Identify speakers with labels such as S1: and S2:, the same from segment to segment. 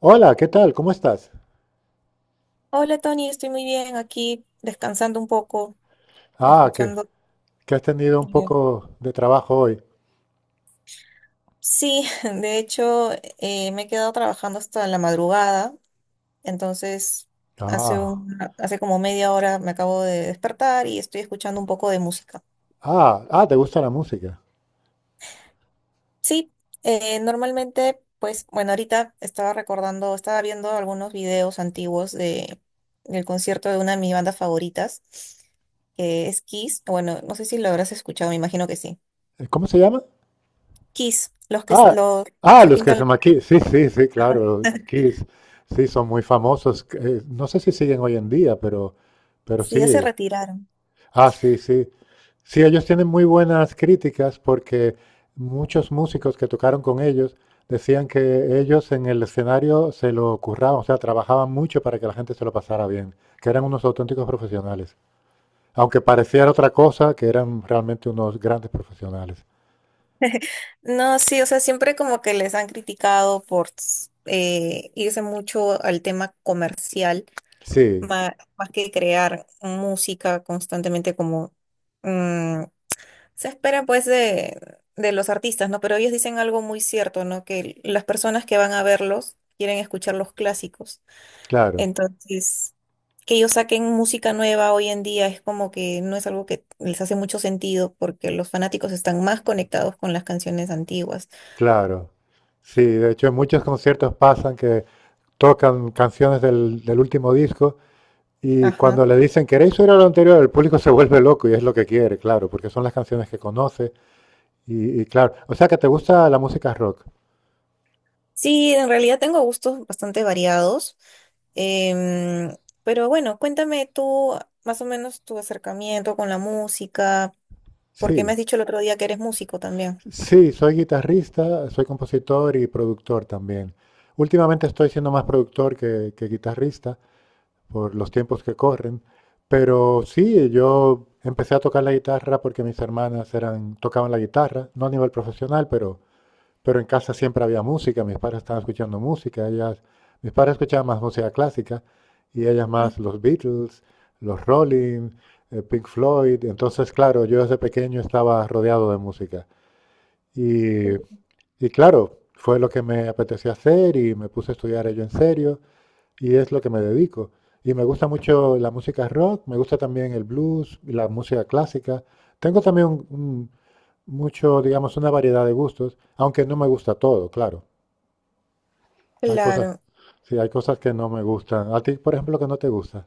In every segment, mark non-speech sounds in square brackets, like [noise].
S1: Hola, ¿qué tal? ¿Cómo estás?
S2: Hola Tony, estoy muy bien aquí descansando un poco,
S1: Ah, que,
S2: escuchando.
S1: que has tenido un
S2: eh,
S1: poco de trabajo hoy.
S2: sí, [laughs] de hecho me he quedado trabajando hasta la madrugada, entonces
S1: Ah,
S2: hace como media hora me acabo de despertar y estoy escuchando un poco de música.
S1: ah, te gusta la música.
S2: Sí, normalmente, pues bueno, ahorita estaba recordando, estaba viendo algunos videos antiguos del concierto de una de mis bandas favoritas, que es Kiss. Bueno, no sé si lo habrás escuchado, me imagino que sí.
S1: ¿Cómo se llama?
S2: Kiss,
S1: Ah, ah,
S2: se
S1: los que
S2: pintan
S1: se
S2: los...
S1: llaman Kiss. Sí, sí, sí, claro,
S2: [laughs]
S1: Kiss. Sí, son muy famosos. No sé si siguen hoy en día, pero
S2: Sí, ya se
S1: sí.
S2: retiraron.
S1: Ah, sí, sí. Sí, ellos tienen muy buenas críticas porque muchos músicos que tocaron con ellos decían que ellos en el escenario se lo curraban, o sea, trabajaban mucho para que la gente se lo pasara bien, que eran unos auténticos profesionales. Aunque pareciera otra cosa, que eran realmente unos grandes profesionales.
S2: No, sí, o sea, siempre como que les han criticado por irse mucho al tema comercial,
S1: Sí,
S2: más que crear música constantemente como mm, se espera pues de los artistas, ¿no? Pero ellos dicen algo muy cierto, ¿no? Que las personas que van a verlos quieren escuchar los clásicos.
S1: claro,
S2: Entonces, que ellos saquen música nueva hoy en día es como que no es algo que les hace mucho sentido, porque los fanáticos están más conectados con las canciones antiguas.
S1: claro. Sí, de hecho en muchos conciertos pasan que tocan canciones del último disco. Y
S2: Ajá.
S1: cuando le dicen, ¿queréis oír a lo anterior? El público se vuelve loco y es lo que quiere, claro, porque son las canciones que conoce. Y claro, o sea que te gusta la música rock.
S2: Sí, en realidad tengo gustos bastante variados. em, pero bueno, cuéntame tú más o menos tu acercamiento con la música, porque me
S1: Sí,
S2: has dicho el otro día que eres músico también.
S1: sí, soy guitarrista, soy compositor y productor también. Últimamente estoy siendo más productor que guitarrista por los tiempos que corren, pero sí, yo empecé a tocar la guitarra porque mis hermanas eran, tocaban la guitarra, no a nivel profesional, pero en casa siempre había música, mis padres estaban escuchando música, ellas, mis padres escuchaban más música clásica y ellas más
S2: Ujú.
S1: los Beatles, los Rolling, Pink Floyd. Entonces, claro, yo desde pequeño estaba rodeado de música. Y, y claro, fue lo que me apetecía hacer y me puse a estudiar ello en serio y es lo que me dedico. Y me gusta mucho la música rock, me gusta también el blues, y la música clásica. Tengo también mucho, digamos, una variedad de gustos, aunque no me gusta todo, claro. Hay cosas,
S2: Claro,
S1: sí, hay cosas que no me gustan. A ti, por ejemplo, que no te gusta.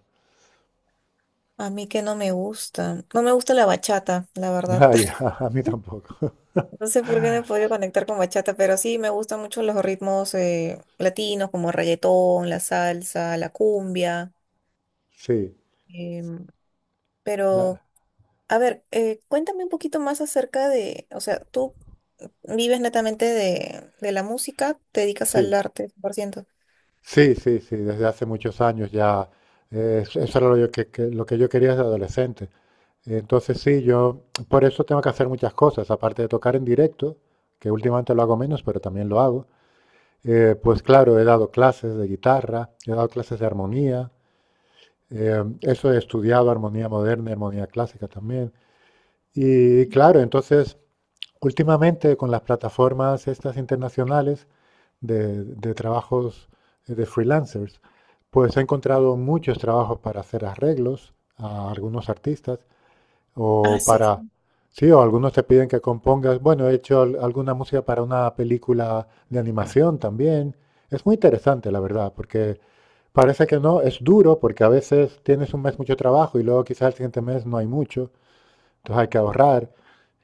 S2: a mí que no me gusta, no me gusta la bachata, la
S1: [laughs]
S2: verdad.
S1: Ah, ya,
S2: [laughs]
S1: a mí tampoco. [laughs]
S2: No sé por qué no he podido conectar con bachata, pero sí me gustan mucho los ritmos latinos, como reggaetón, la salsa, la cumbia.
S1: Sí,
S2: em,
S1: la-
S2: pero, a ver, cuéntame un poquito más acerca de, o sea, tú vives netamente de la música, te dedicas al
S1: sí,
S2: arte cien por ciento.
S1: sí, sí, sí, desde hace muchos años ya. Eso era lo que yo quería desde adolescente. Entonces sí, yo por eso tengo que hacer muchas cosas, aparte de tocar en directo, que últimamente lo hago menos, pero también lo hago. Pues claro, he dado clases de guitarra, he dado clases de armonía, eso he estudiado armonía moderna, armonía clásica también. Y claro, entonces últimamente con las plataformas estas internacionales de trabajos de freelancers, pues he encontrado muchos trabajos para hacer arreglos a algunos artistas
S2: Ah,
S1: o
S2: sí.
S1: para...
S2: Sí.
S1: Sí, o algunos te piden que compongas. Bueno, he hecho alguna música para una película de animación también. Es muy interesante, la verdad, porque parece que no, es duro porque a veces tienes un mes mucho trabajo y luego quizás el siguiente mes no hay mucho. Entonces hay que ahorrar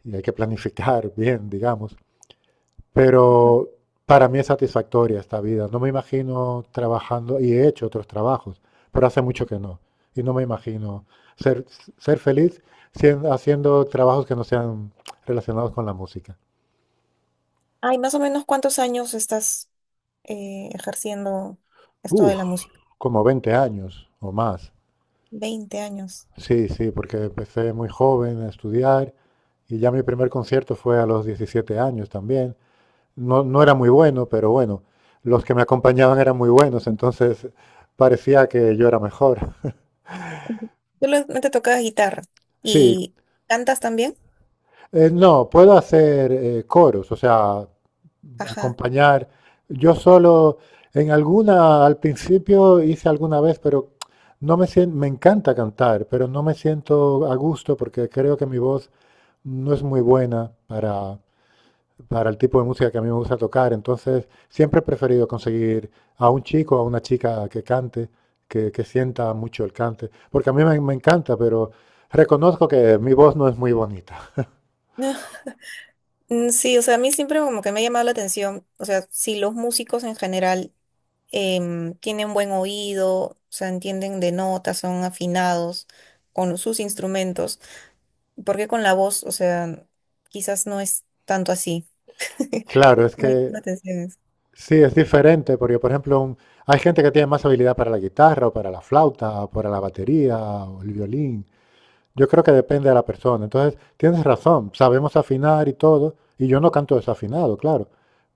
S1: y hay que planificar [laughs] bien, digamos. Pero para mí es satisfactoria esta vida. No me imagino trabajando, y he hecho otros trabajos, pero hace mucho que no. Y no me imagino ser, ser feliz haciendo trabajos que no sean relacionados con la música.
S2: Ay, más o menos ¿cuántos años estás ejerciendo esto de
S1: Uf,
S2: la música?
S1: como 20 años o más.
S2: Veinte años.
S1: Sí, sí, porque empecé muy joven a estudiar y ya mi primer concierto fue a los 17 años también. No, no era muy bueno, pero bueno, los que me acompañaban eran muy buenos, entonces parecía que yo era mejor.
S2: Ujú. ¿Solamente tocas guitarra
S1: Sí,
S2: y cantas también?
S1: no, puedo hacer coros, o sea,
S2: Ajá.
S1: acompañar. Yo solo, en alguna, al principio hice alguna vez, pero no me siento, me encanta cantar, pero no me siento a gusto porque creo que mi voz no es muy buena para el tipo de música que a mí me gusta tocar. Entonces, siempre he preferido conseguir a un chico o a una chica que cante, que sienta mucho el cante, porque a mí me encanta, pero reconozco que mi voz no es muy bonita.
S2: [laughs] Mm, sí, o sea, a mí siempre como que me ha llamado la atención, o sea, si los músicos en general tienen buen oído, o sea, entienden de notas, son afinados con sus instrumentos, porque con la voz, o sea, ¿quizás no es tanto así? [laughs]
S1: Claro, es
S2: Me llama la
S1: que
S2: atención eso.
S1: sí, es diferente, porque por ejemplo, hay gente que tiene más habilidad para la guitarra o para la flauta o para la batería o el violín. Yo creo que depende de la persona. Entonces, tienes razón, sabemos afinar y todo, y yo no canto desafinado, claro,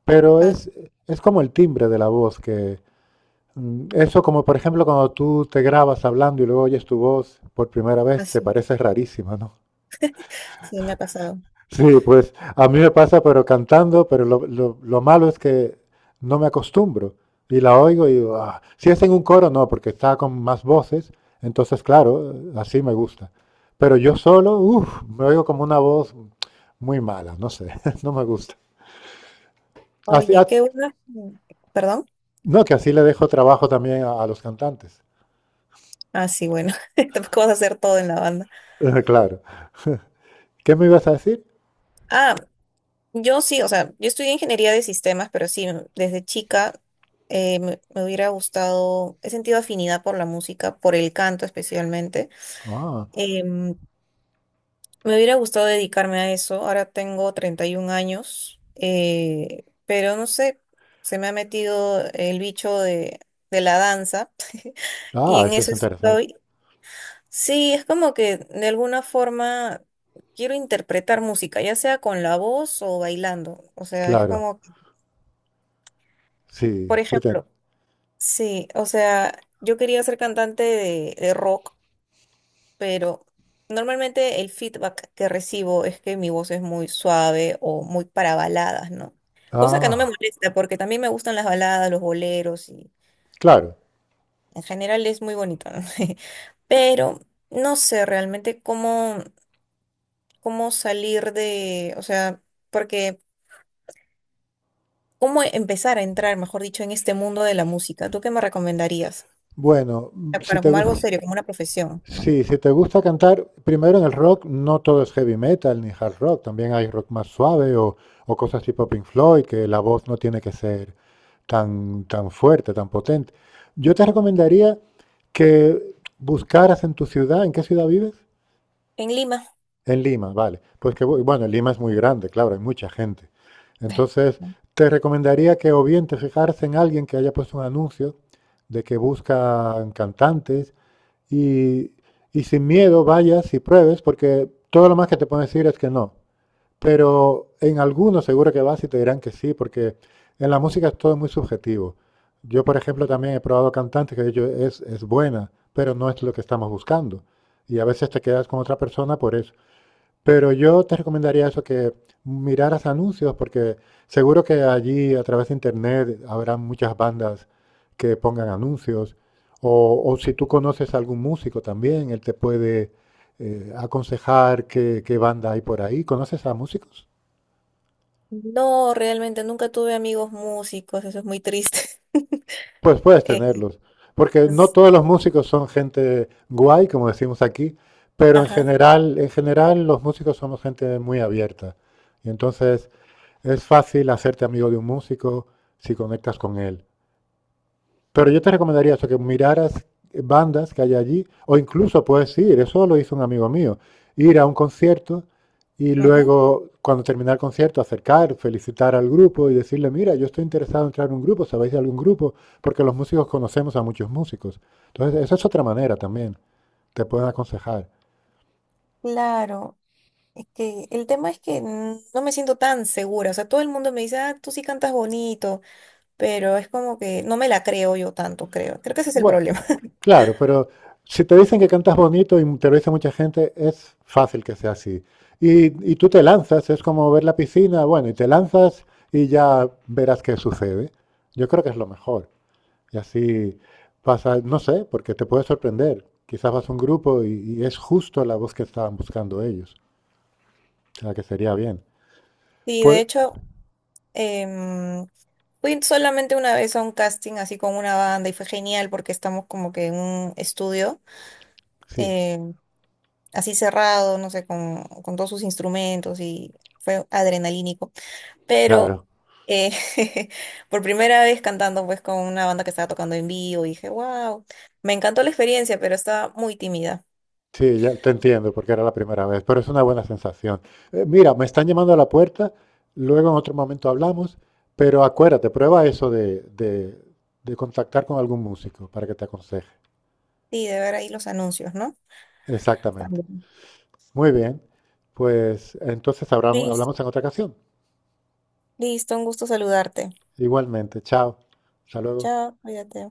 S1: pero
S2: Ah,
S1: es, como el timbre de la voz que... Eso como por ejemplo cuando tú te grabas hablando y luego oyes tu voz por primera vez,
S2: así,
S1: te
S2: sí,
S1: parece rarísima, ¿no?
S2: sí, me ha pasado.
S1: Sí, pues a mí me pasa, pero cantando, pero lo malo es que no me acostumbro y la oigo y digo, "Ah". Si es en un coro, no, porque está con más voces, entonces claro, así me gusta. Pero yo solo, uff, me oigo como una voz muy mala, no sé, [laughs] no me gusta. Así-
S2: Oye,
S1: ah,
S2: qué bueno. ¿Perdón?
S1: no, que así le dejo trabajo también a los cantantes.
S2: Ah, sí, bueno, [laughs] tampoco vas a hacer todo en la banda.
S1: [laughs] Claro. ¿Qué me ibas a decir?
S2: Ah, yo sí, o sea, yo estudié ingeniería de sistemas, pero sí, desde chica me hubiera gustado, he sentido afinidad por la música, por el canto especialmente.
S1: Ah,
S2: Em, Me hubiera gustado dedicarme a eso. Ahora tengo 31 años, pero no sé, se me ha metido el bicho de la danza [laughs] y en
S1: Eso es
S2: eso
S1: interesante.
S2: estoy. Sí, es como que de alguna forma quiero interpretar música, ya sea con la voz o bailando. O sea, es
S1: Claro,
S2: como...
S1: sí,
S2: Por
S1: sí.
S2: ejemplo, sí, o sea, yo quería ser cantante de rock, pero normalmente el feedback que recibo es que mi voz es muy suave o muy para baladas, ¿no? Cosa que no me
S1: Ah,
S2: molesta, porque también me gustan las baladas, los boleros, y
S1: claro.
S2: en general es muy bonito, ¿no? [laughs] Pero no sé realmente cómo, salir de, o sea, porque cómo empezar a entrar, mejor dicho, en este mundo de la música. ¿Tú qué me recomendarías?
S1: Bueno,
S2: Para como algo serio, como una profesión, ¿no?
S1: sí, si te gusta cantar, primero en el rock no todo es heavy metal ni hard rock, también hay rock más suave o, cosas tipo Pink Floyd, que la voz no tiene que ser tan fuerte, tan potente. Yo te recomendaría que buscaras en tu ciudad, ¿en qué ciudad vives?
S2: En Lima.
S1: En Lima, vale. Pues bueno, Lima es muy grande, claro, hay mucha gente. Entonces, te recomendaría que o bien te fijaras en alguien que haya puesto un anuncio de que buscan cantantes y, y sin miedo vayas y pruebes, porque todo lo más que te pueden decir es que no. Pero en algunos seguro que vas y te dirán que sí, porque en la música es todo es muy subjetivo. Yo, por ejemplo, también he probado cantantes que he dicho, es, buena, pero no es lo que estamos buscando. Y a veces te quedas con otra persona por eso. Pero yo te recomendaría eso, que miraras anuncios, porque seguro que allí a través de internet habrá muchas bandas que pongan anuncios. o, si tú conoces a algún músico también, él te puede aconsejar qué banda hay por ahí. ¿Conoces a músicos?
S2: No, realmente nunca tuve amigos músicos, eso es muy triste. [laughs]
S1: Pues puedes
S2: Eh,
S1: tenerlos, porque no
S2: es-
S1: todos los músicos son gente guay, como decimos aquí, pero
S2: ajá,
S1: en general los músicos somos gente muy abierta. Y entonces es fácil hacerte amigo de un músico si conectas con él. Pero yo te recomendaría eso, que miraras bandas que hay allí, o incluso puedes ir, eso lo hizo un amigo mío, ir a un concierto y
S2: ujú.
S1: luego, cuando terminar el concierto, acercar, felicitar al grupo y decirle, mira, yo estoy interesado en entrar en un grupo, ¿sabéis de algún grupo? Porque los músicos conocemos a muchos músicos. Entonces, esa es otra manera también, te pueden aconsejar.
S2: Claro, es que el tema es que no me siento tan segura, o sea, todo el mundo me dice, ah, tú sí cantas bonito, pero es como que no me la creo yo tanto, creo. Creo que ese es el
S1: Bueno,
S2: problema. [laughs]
S1: claro, pero si te dicen que cantas bonito y te lo dice mucha gente, es fácil que sea así. Y tú te lanzas, es como ver la piscina, bueno, y te lanzas y ya verás qué sucede. Yo creo que es lo mejor. Y así pasa, no sé, porque te puede sorprender. Quizás vas a un grupo y es justo la voz que estaban buscando ellos, o sea, que sería bien.
S2: Sí, de
S1: Pues
S2: hecho, em, fui solamente una vez a un casting así con una banda y fue genial, porque estamos como que en un estudio.
S1: sí,
S2: em, Así cerrado, no sé, con todos sus instrumentos, y fue adrenalínico. Pero
S1: claro.
S2: eh, [laughs] por primera vez cantando pues con una banda que estaba tocando en vivo, y dije, wow, me encantó la experiencia, pero estaba muy tímida.
S1: Sí, ya te entiendo, porque era la primera vez, pero es una buena sensación. Mira, me están llamando a la puerta, luego en otro momento hablamos, pero acuérdate, prueba eso de contactar con algún músico para que te aconseje.
S2: Sí, de ver ahí los anuncios, ¿no?
S1: Exactamente.
S2: También.
S1: Muy bien, pues entonces hablamos,
S2: Listo,
S1: hablamos en otra ocasión.
S2: listo, un gusto saludarte.
S1: Igualmente, chao. Hasta luego.
S2: Chao, cuídate.